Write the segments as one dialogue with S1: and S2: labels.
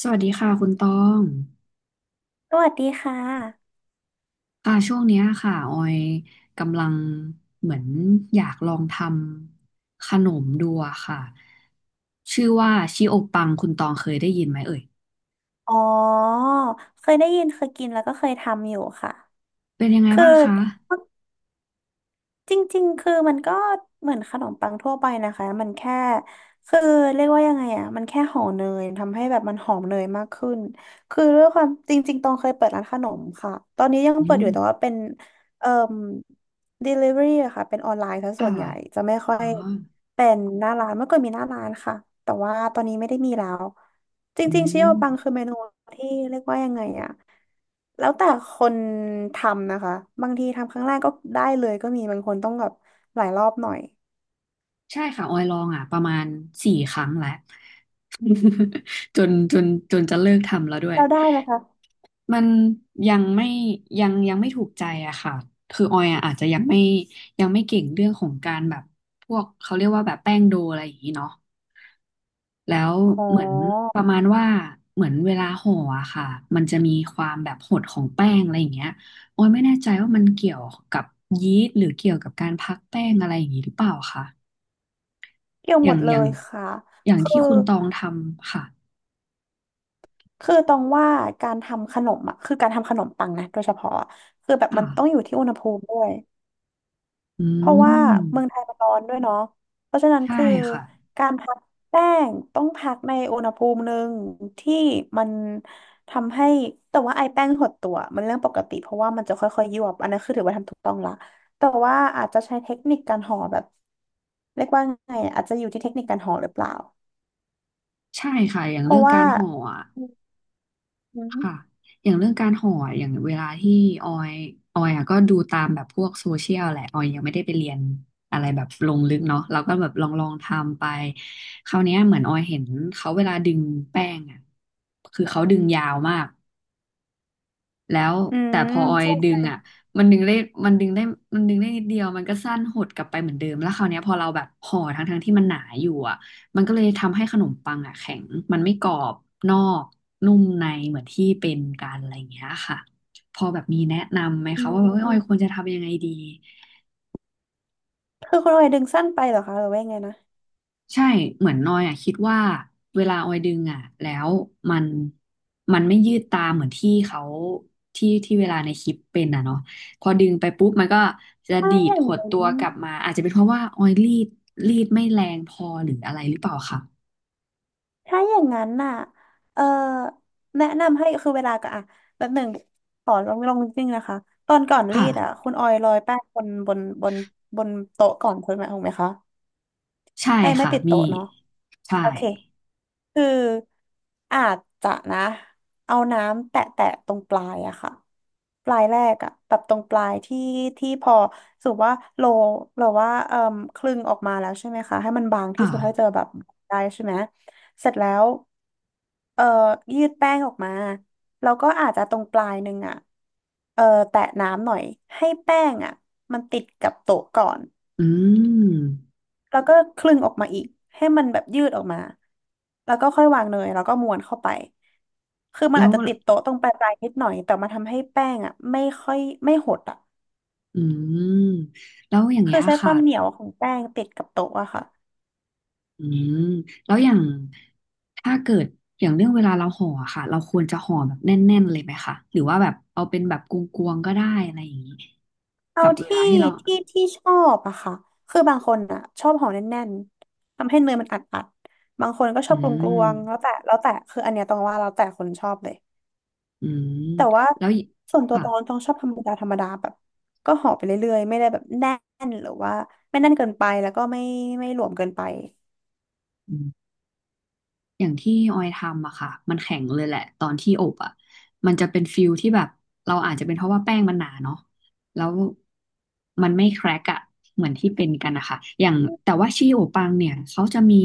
S1: สวัสดีค่ะคุณตอง
S2: สวัสดีค่ะ
S1: ค่ะช่วงเนี้ยค่ะออยกำลังเหมือนอยากลองทำขนมดูอะค่ะชื่อว่าชิโอปังคุณตองเคยได้ยินไหมเอ่ย
S2: อ๋อ เคยได้ยินเคยกินแล้วก็เคยทำอยู่ค่ะ
S1: เป็นยังไง
S2: คือ
S1: บ้างคะ
S2: จริงๆคือมันก็เหมือนขนมปังทั่วไปนะคะมันแค่คือเรียกว่ายังไงอ่ะมันแค่ห่อเนยทำให้แบบมันหอมเนยมากขึ้นคือด้วยความจริงๆตองเคยเปิดร้านขนมค่ะตอนนี้ยัง
S1: อื
S2: เปิดอ
S1: ม
S2: ยู่แต่ว่าเป็นเอ่อ delivery อะค่ะเป็นออนไลน์ซะส่
S1: ค่ะ
S2: วนใหญ่จะไม่ค่อ
S1: อ๋อ
S2: ยเป็นหน้าร้านเมื่อก่อนมีหน้าร้านค่ะแต่ว่าตอนนี้ไม่ได้มีแล้วจ
S1: อื
S2: ริงๆชิโอ
S1: ม
S2: ปังคือเมนูที่เรียกว่ายังไงอ่ะ แล้วแต่คนทำนะคะ บางทีทำครั้งแรกก็ได้เลยก็มีบางคนต้องแบบหลายรอบหน่อย
S1: ใช่ค่ะออยลองอ่ะประมาณสี่ครั้งแล้ว จนจนจะเลิกทำแล้วด้วย
S2: เราได้ไหมคะ
S1: มันยังไม่ยังไม่ถูกใจอะค่ะคือออยอะอาจจะยังไม่ยังไม่เก่งเรื่องของการแบบพวกเขาเรียกว่าแบบแป้งโดอะไรอย่างนี้เนาะแล้ว
S2: อ๋อ
S1: เหมือนประมาณว่าเหมือนเวลาห่ออะค่ะมันจะมีความแบบหดของแป้งอะไรอย่างเงี้ยออยไม่แน่ใจว่ามันเกี่ยวกับยีสต์หรือเกี่ยวกับการพักแป้งอะไรอย่างนี้หรือเปล่าคะ
S2: เกี่ยว
S1: อ
S2: หม
S1: ย่าง
S2: ดเล
S1: อย่าง
S2: ยค่ะ
S1: อย่าง
S2: คือ
S1: ที่คุณตองทำค่ะ
S2: คือตรงว่าการทำขนมอ่ะคือการทำขนมปังนะโดยเฉพาะอะคือแบบมันต้องอยู่
S1: ค่ะ
S2: ที่อุณหภูมิด้วย
S1: อื
S2: เพราะว่าเมือ
S1: ม
S2: งไทยมันร้อนด้วยเนาะเพราะฉะนั้น
S1: ใช่
S2: คือ
S1: ค่ะ
S2: การพักแป้งต้องพักในอุณหภูมิหนึ่งที่มันทำให้แต่ว่าไอแป้งหดตัวมันเรื่องปกติเพราะว่ามันจะค่อยๆยวบอันนั้นคือถือว่าทำถูกต้องละแต่ว่าอาจจะใช้เทคนิคการห่อแบบเรียกว่าไงอะอาจจะอยู่ที่เทคนิคการห่อหรือเปล่า
S1: ใช่ค่ะอย่าง
S2: เพ
S1: เรื่
S2: ราะ
S1: องกา
S2: ว่า
S1: รห่ออะ
S2: อื
S1: ค่ะ
S2: ม
S1: อย่างเรื่องการห่ออย่างเวลาที่ออยออยอะก็ดูตามแบบพวกโซเชียลแหละ ออยยังไม่ได้ไปเรียนอะไรแบบลงลึกเนาะเราก็แบบลองทำไปคราวเนี้ยเหมือนออยเห็นเขาเวลาดึงแป้งอ่ะคือเขาดึงยาวมาก แล้ว
S2: อื
S1: แต่
S2: ม
S1: พอออย
S2: ใช่
S1: ดึ
S2: ใช่
S1: งอ่ะมันดึงได้มันดึงได้มันดึงได้นิดเดียวมันก็สั้นหดกลับไปเหมือนเดิมแล้วคราวเนี้ยพอเราแบบห่อทั้งที่มันหนาอยู่อ่ะมันก็เลยทำให้ขนมปังอ่ะแข็งมันไม่กรอบนอกนุ่มในเหมือนที่เป็นกันอะไรอย่างเงี้ยค่ะพอแบบมีแนะนำไหม
S2: อื
S1: คะว่าแบบเอ้ยออยควร
S2: ม
S1: จะทำยังไงดี
S2: คือคุณออยดึงสั้นไปเหรอคะหรือว่ายังไงนะ
S1: ใช่เหมือนนอยอ่ะคิดว่าเวลาออยดึงอ่ะแล้วมันมันไม่ยืดตามเหมือนที่เขาที่ที่เวลาในคลิปเป็นอ่ะเนาะพอดึงไปปุ๊บมันก็จะ
S2: ไม่
S1: ดี
S2: อ
S1: ด
S2: ย่าง
S1: หด
S2: นั้
S1: ตั
S2: น
S1: วกลับมาอาจจะเป็นเพราะว่าออยรีดไม่แรงพอหรืออะไรหรือเปล่าค่ะ
S2: ถ้าอย่างนั้นน่ะเออแนะนำให้คือเวลาก็อ่ะแบบหนึ่งขอลองลองจริงๆนะคะ ตอนก่อนรี
S1: ค่ะ
S2: ดอ่ะคุณออยโรยแป้งบนบนโต๊ะก่อนคุณไหมถูกไหมคะ
S1: ใช่
S2: ให้ไม่
S1: ค่ะ
S2: ติด
S1: มี
S2: โต๊ะเนาะ
S1: ใช่
S2: โอเคคืออาจจะนะเอาน้ำแตะแตะตรงปลายอะค่ะ ปลายแรกอะแบบตรงปลายที่พอสมมุติว่าโลเราว่าเอ่มคลึงออกมาแล้วใช่ไหมคะให้มันบางที่
S1: ค่ะ
S2: สุดเท่าที่จะแบบได้ใช่ไหมเสร็จแล้วเอ่อยืดแป้งออกมาแล้วก็อาจจะตรงปลายหนึ่งอะเอ่อแตะน้ำหน่อยให้แป้งอะมันติดกับโต๊ะก่อน
S1: อืม
S2: แล้วก็คลึงออกมาอีกให้มันแบบยืดออกมาแล้วก็ค่อยวางเนยแล้วก็ม้วนเข้าไปคือมัน
S1: แล้
S2: อา
S1: ว
S2: จจะติดโต๊ะตรงปลายๆนิดหน่อยแต่มันทำให้แป้งอ่ะไม่ค่อยไม่หดอ่ะ
S1: อืมแล้วอย่างเงี้
S2: คือ
S1: ย
S2: ใช้ค
S1: ค่ะ
S2: วามเหนียวของแป้งติดกับโต๊ะอะค่ะ
S1: อืมแล้วอย่างถ้าเกิดอย่างเรื่องเวลาเราห่ออะค่ะเราควรจะห่อแบบแน่นๆเลยไหมคะหรือว่าแบบเอาเป็นแบบกลวงๆก็ได้อะไรอย่างนี้
S2: เอา
S1: กับเว
S2: ที่
S1: ลาที่เรา
S2: ที่ที่ชอบอะค่ะคือบางคนอะชอบห่อแน่นๆทำให้เนยมันอัดๆบางคนก็ช
S1: อื
S2: อบกลวงๆแล้ว
S1: ม
S2: แต่แล้วแต่คืออันเนี้ยต้องว่าแล้วแต่คนชอบเลย
S1: อืม
S2: แต่ว่า
S1: แล้วอีก
S2: ส่วนตัว
S1: ค่ะ
S2: ตองต้องชอบธรรมดาธรรมดาแบบก็ห่อไปเรื่อยๆไม่ได้แบบแน่นหรือว่าไม่แน่นเกินไปแล้วก็ไม่ไม่หลวมเกินไป
S1: อย่างที่ออยทำอะค่ะ มันแข็งเลยแหละตอนที่อบอะมันจะเป็นฟิลที่แบบ เราอาจจะเป็นเพราะว่าแป้งมันหนาเนาะแล้วมันไม่แครกอะ เหมือนที่เป็นกันนะคะอย่างแต่ว่าชีโอปังเนี่ยเขาจะมี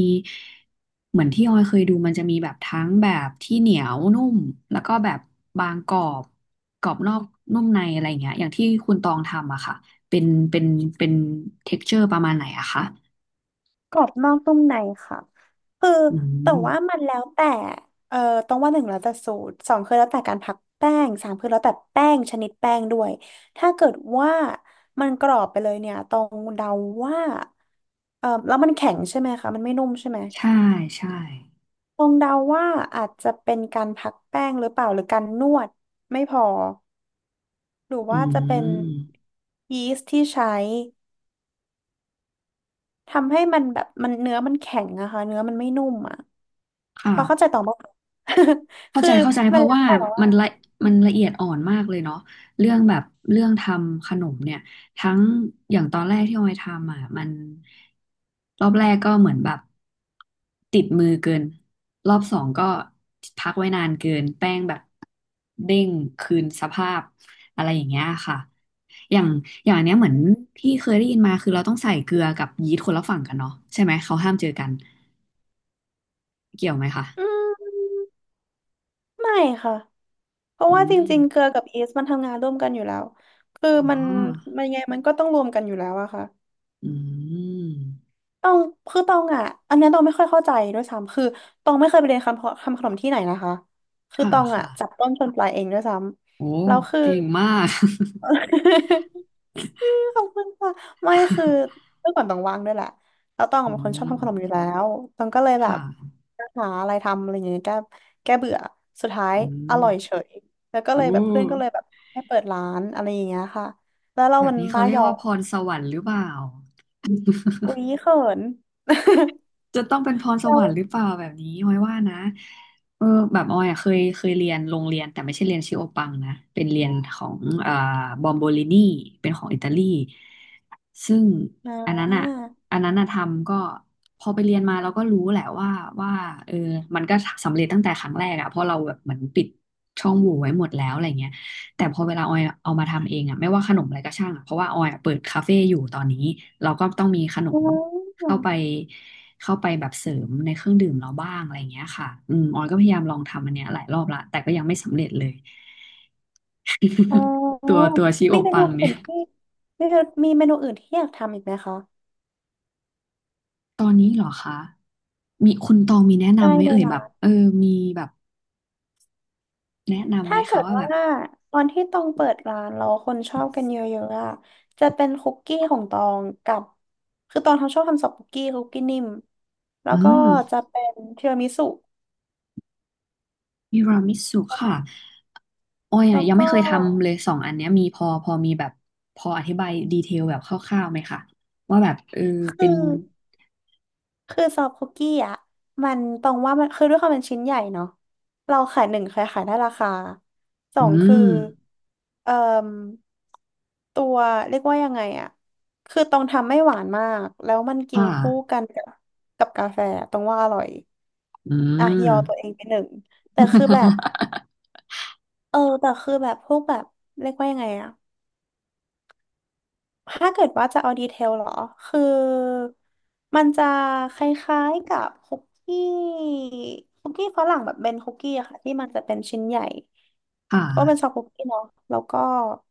S1: เหมือนที่ออยเคยดูมันจะมีแบบทั้งแบบที่เหนียวนุ่ม แล้วก็แบบบางกรอบกรอบนอกนุ่มในอะไรอย่างเงี้ยอย่างที่คุณตองทำอะค่ะ เป็นเป็นเป็นเท็กเจอร์ประมาณไหนอะคะ
S2: กรอบนอกนุ่มในค่ะคือ
S1: อื
S2: แต่ว่ามั
S1: ม
S2: นแล้วแต่เอ่อต้องว่าหนึ่งแล้วแต่สูตรสองคือแล้วแต่การพักแป้งสามคือแล้วแต่แป้งชนิดแป้งด้วยถ้าเกิดว่ามันกรอบไปเลยเนี่ยตองเดาว่าแล้วมันแข็งใช่ไหมคะมันไม่นุ่มใช่ไหม
S1: ใช่ใช่
S2: ตองเดาว่าอาจจะเป็นการพักแป้งหรือเปล่าหรือการนวดไม่พอหรือ
S1: อื
S2: ว่าจะเป็น
S1: ม
S2: ยีสต์ที่ใช้ทำให้มันแบบมันเนื้อมันแข็งอะค่ะเนื้อมันไม่นุ่มอะ
S1: ค่ะ
S2: พอเข้าใจต่อบ้าง
S1: เข้า
S2: คือ
S1: ใจเข้าใจเพ
S2: มัน
S1: ราะ
S2: แล้ว
S1: ว่า
S2: แต่ว่า
S1: มันละมันละเอียดอ่อนมากเลยเนาะเรื่องแบบเรื่องทำขนมเนี่ยทั้งอย่างตอนแรกที่ออยทำอ่ะมันรอบแรกก็เหมือนแบบติดมือเกินรอบสองก็พักไว้นานเกินแป้งแบบเด้งคืนสภาพอะไรอย่างเงี้ยค่ะอย่างอย่างอันเนี้ยเหมือนที่เคยได้ยินมาคือเราต้องใส่เกลือกับยีสต์คนละฝั่งกันเนาะใช่ไหมเขาห้ามเจอกันเกี่ยวไหมคะ
S2: อืมไม่ค่ะเพราะ
S1: อื
S2: ว่าจ
S1: ม
S2: ริงๆเกลือกับยีสต์มันทำงานร่วมกันอยู่แล้วคือ
S1: อ๋อ
S2: มันมันยังไงมันก็ต้องรวมกันอยู่แล้วอะค่ะ
S1: อืม
S2: ตองคือตองอะอันเนี้ยตองไม่ค่อยเข้าใจด้วยซ้ำคือตองไม่เคยไปเรียนคำขนมที่ไหนนะคะคือ
S1: ค่ะ
S2: ตองอะ
S1: ค่ะ
S2: จับต้นชนปลายเองด้วยซ้
S1: โอ้
S2: ำแล้วคือ
S1: เก่งมาก
S2: ขอบคุณค่ะไม่คือเมื่อก่อนต้องว่างด้วยแหละแล้วต้อง
S1: อื
S2: เป็นคนชอ
S1: ม
S2: บทำขนมอยู่แล้วต้องก็เลย
S1: ค
S2: แบบ
S1: ่ะ
S2: หาอะไรทำอะไรอย่างเงี้ยแก้เบื่อสุดท้าย
S1: อื
S2: อ
S1: ม
S2: ร่อยเฉยแล้วก็
S1: โอ
S2: เลยแบบเพื่อนก็เล
S1: ้
S2: ยแบบให้เปิดร้านอะไรอย่างเงี้ยค่ะแล้วเรา
S1: แบบ
S2: มัน
S1: นี้เขา
S2: บ้า
S1: เรี
S2: ห
S1: ย
S2: ย
S1: ก
S2: อ
S1: ว่า
S2: ก
S1: พรสวรรค์หรือเปล่า
S2: อุ๊ยเขิน
S1: จะต้องเป็นพร สวรรค์หรือ
S2: เรา
S1: เปล่าแบบนี้ออยว่านะเออแบบออยอะเคยเรียนโรงเรียนแต่ไม่ใช่เรียนชิโอปังนะเป็นเรียนของอ่าบอมโบลินีเป็นของอิตาลี ซึ่ง
S2: อ่
S1: อันนั้
S2: า
S1: นอ่ะอันนั้นอ่ะทำก็พอไปเรียนมาเราก็รู้แหละว่าว่าเออมันก็สำเร็จตั้งแต่ครั้งแรกอ่ะเพราะเราแบบเหมือนปิดช่องโหว่ไว้หมดแล้วอะไรเงี้ยแต่พอเวลาออยเอามาทำเองอ่ะไม่ว่าขนมอะไรก็ช่างอ่ะเพราะว่าออยอะเปิดคาเฟ่อยู่ตอนนี้เราก็ต้องมีขน
S2: อ๋
S1: ม
S2: อ
S1: เข้าไปเข้าไปแบบเสริมในเครื่องดื่มเราบ้างอะไรเงี้ยค่ะอืมออยก็พยายามลองทำอันเนี้ยหลายรอบละแต่ก็ยังไม่สำเร็จเลย
S2: อ๋
S1: ตัว
S2: อ
S1: ตัวชีโอ
S2: มีเม
S1: ปั
S2: นู
S1: งเนี่
S2: อื่
S1: ย
S2: นที่มีมีเมนูอื่นที่อยากทำอีกไหมคะ
S1: ตอนนี้เหรอคะ มีคุณตองมีแนะ
S2: ได้
S1: นำไหม
S2: เล
S1: เอ่
S2: ย
S1: ยแบ
S2: ล่ะ
S1: บเออมีแบบแนะนำไห
S2: ถ้า
S1: ม
S2: เกิ
S1: คะ
S2: ด
S1: ว่าแบ
S2: ว่า
S1: บ
S2: ตอนที่ตองเปิดร้านแล้วคนชอบกันเยอะๆอะจะเป็นคุกกี้ของตองกับคือตองทำชอบทำซอฟต์คุกกี้คุกกี้นิ่มแล้
S1: อื
S2: วก็
S1: ม
S2: จะเป็นทีรามิสุ
S1: ทีรามิสุค่ะออย
S2: แล้
S1: อะ
S2: ว
S1: ยัง
S2: ก็
S1: ไม่เคยทำเลยสองอันเนี้ยมีพอมีแบบพออธิบายดีเทลแบบคร่าวๆไหมคะว่าแบบเออ
S2: คื
S1: เป็
S2: อ
S1: น
S2: คือซอฟต์คุกกี้อ่ะมันตรงว่ามันคือด้วยความเป็นชิ้นใหญ่เนาะเราขายหนึ่งเคยขายได้ราคาสอ
S1: อื
S2: งคือ
S1: ม
S2: เอ่มตัวเรียกว่ายังไงอ่ะคือตองทำไม่หวานมากแล้วมันกิน
S1: ค่ะ
S2: คู่กันกับกาแฟตรงว่าอร่อย
S1: อื
S2: อ่ะย
S1: ม
S2: อตัวเองไปหนึ่งแต่คือแบบ แต่คือแบบพวกแบบเรียกว่ายังไงอ่ะ ถ้าเกิดว่าจะเอาดีเทลเหรอคือมันจะคล้ายๆกับคุกกี้คุกกี้ฝรั่งแบบเป็นคุกกี้อะค่ะที่มันจะเป็นชิ้นใหญ่
S1: ค่ะ
S2: ก็เป็นซอฟต์คุกกี้เนาะแล้วก็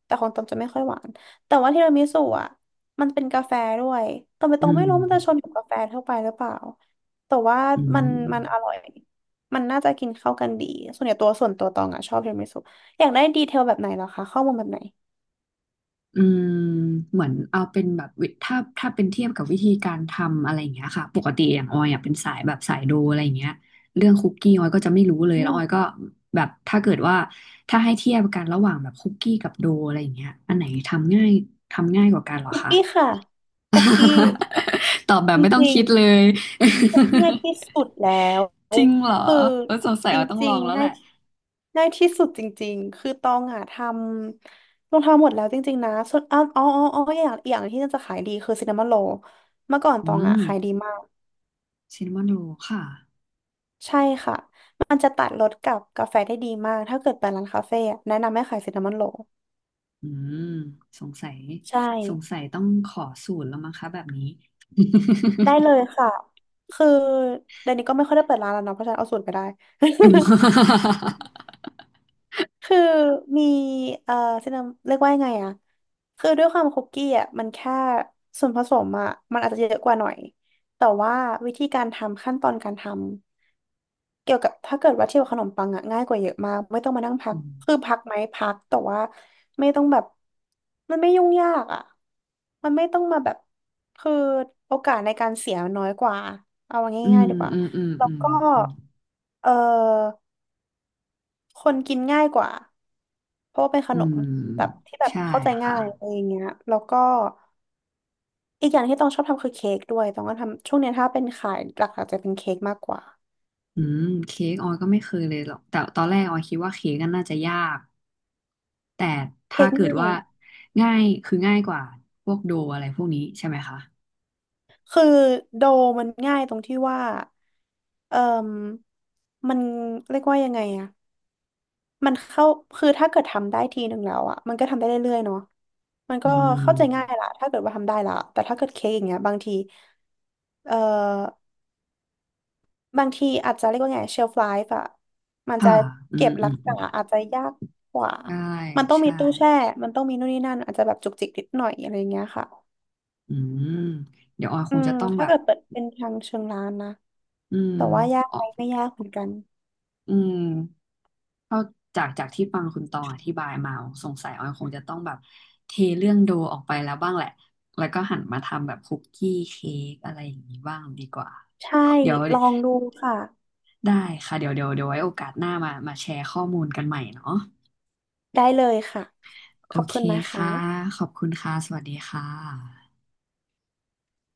S2: แต่ของตองจะไม่ค่อยหวานแต่ว่าทีรามิสุอ่ะมันเป็นกาแฟด้วย
S1: อื
S2: ตองไม่
S1: ม
S2: รู้มันจะชนกับกาแฟทั่วไปหรือเปล่าแต่ว่า
S1: อื
S2: มัน
S1: ม
S2: มันอร่อยมันน่าจะกินเข้ากันดีส่วนใหญ่ส่วนตัวตองอ่ะชอบทีรามิสุอยากได้ดีเทลแบบไหนเหรอคะข้อมูลแบบไหน
S1: อืมเหมือนเอาเป็นแบบถ้าถ้าเป็นเทียบกับวิธีการทำอะไรอย่างเงี้ยค่ะปกติอย่างออยอ่ะเป็นสายแบบสายดูอะไรอย่างเงี้ยเรื่องคุกกี้ออยก็จะไม่รู้เลยแล้วออยก็แบบถ้าเกิดว่าถ้าให้เทียบกันระหว่างแบบคุกกี้กับโดอะไรอย่างเงี้ยอันไหนทำง่ายกว่ากันเหรอ
S2: คุก
S1: คะ
S2: กี้ค่ะคุกกี้
S1: ตอบแบบ
S2: จ
S1: ไม่ต้อง
S2: ริง
S1: คิดเลย
S2: ๆคุกกี้ง่ายที่สุดแล้ว
S1: จริงเหรอ
S2: คือ
S1: เออสงสัย
S2: จ
S1: ออยต้องล
S2: ริง
S1: องแล้
S2: ๆ
S1: ว
S2: ง่า
S1: แห
S2: ย
S1: ละ
S2: ง่ายที่สุดจริงๆคือตองอ่ะลองทำหมดแล้วจริงๆนะส่วนอ๋ออย่างอย่างที่น่าจะขายดีคือซินนามอนโรลเมื่อก่อนต
S1: อื
S2: องอ่ะ
S1: ม
S2: ขายดีมาก
S1: ซินนามอนโรลค่ะ
S2: ใช่ค่ะมันจะตัดรสกับกาแฟได้ดีมากถ้าเกิดไปร้านคาเฟ่อะแนะนำให้ขายซินนามอนโรล
S1: อืมสงสัย
S2: ใช่
S1: สงสัยต้องขอสูตรแล้วมั้งคะแบบนี้
S2: ได้เลยค่ะคือเดี๋ยวนี้ก็ไม่ค่อยได้เปิดร้านแล้วเนาะเพราะฉะนั้นเอาสูตรไปได้
S1: อ ื
S2: คือมีเอ่อซินาเรียกว่ายังไงอะคือด้วยความคุกกี้อะมันแค่ส่วนผสมอะมันอาจจะเยอะกว่าหน่อยแต่ว่าวิธีการทำขั้นตอนการทำเกี่ยวกับถ้าเกิดว่าเทียบกับขนมปังอะง่ายกว่าเยอะมากไม่ต้องมานั่งพักคือพักไหมพักแต่ว่าไม่ต้องแบบมันไม่ยุ่งยากอะมันไม่ต้องมาแบบคือโอกาสในการเสียน้อยกว่าเอา
S1: มอื
S2: ง่า
S1: ม
S2: ยๆดีกว่า
S1: อืมอืม
S2: แล้ว
S1: อืม
S2: ก็
S1: อืม
S2: เออ คนกินง่ายกว่าเพราะว่าเป็นข
S1: อื
S2: นม
S1: ม
S2: แบบที่แบบ
S1: ใช่
S2: เข้าใจ
S1: ค่ะ
S2: ง่ายอะไรอย่างเงี้ยแล้วก็อีกอย่างที่ต้องชอบทำคือเค้กด้วยต้องก็ทำช่วงเนี้ยถ้าเป็นขายหลักๆจะเป็นเค้กมากกว่า
S1: อืมเค้กออยก็ไม่เคยเลยหรอกแต่ตอนแรกออยคิดว่าเค้กก็นน่าจะยากแต่
S2: เค้
S1: ถ้า
S2: ก
S1: เกิด
S2: ง่าย
S1: ว่าง่ายคือง่ายกว่าพวกโดอะไรพวกนี้ใช่ไหมคะ
S2: คือโดมันง่ายตรงที่ว่าเอ่มมันเรียกว่ายังไงอะมันเข้าคือถ้าเกิดทำได้ทีหนึ่งแล้วอะมันก็ทำได้เรื่อยๆเนาะมัน
S1: อื
S2: ก็เข้าใจง่าย
S1: ม
S2: ละถ้าเกิดว่าทำได้ละแต่ถ้าเกิดเค้กอย่างเงี้ยบางทีเอ่อ บางทีอาจจะเรียกว่าไงเชลฟ l ล f e อะมันจะ
S1: ค่ะอื
S2: เก็บ
S1: มอื
S2: รัก
S1: มอื
S2: ษา
S1: ม
S2: อาจจะยากกว่า
S1: ใช่
S2: มันต้องมี
S1: ใช่
S2: ตู้แช่มันต้องมีนู่นนี่นั่นอาจจะแบบจุกจิกนิดหน่อยอะไรอย่างเงี้ยค่ะ
S1: อืมเดี๋ยวออยค
S2: อื
S1: ง
S2: ม
S1: จะต้อง
S2: ถ้า
S1: แบบ
S2: เกิดเปิดเป็นทางเชิงร้านนะ
S1: อื
S2: แต่ว่ายาก
S1: ม
S2: ไหมไม่ยากเหมือนกัน
S1: อืมเข้าจากจากที่ฟังคุณตองอธิบายมาสงสัยออยคงจะต้องแบบเทเรื่องโดออกไปแล้วบ้างแหละแล้วก็หันมาทำแบบคุกกี้เค้กอะไรอย่างนี้บ้างดีกว่า
S2: ใช่
S1: เดี๋ยว
S2: ลองดูค่ะ
S1: ได้ค่ะเดี๋ยวไว้โอกาสหน้ามามาแชร์ข้อมูลกันใหม่เนาะ
S2: ได้เลยค่ะ
S1: โอ
S2: ขอบ
S1: เค
S2: คุณนะค
S1: ค่ะ
S2: ะ
S1: ขอบคุณค่ะสวัสดีค่ะ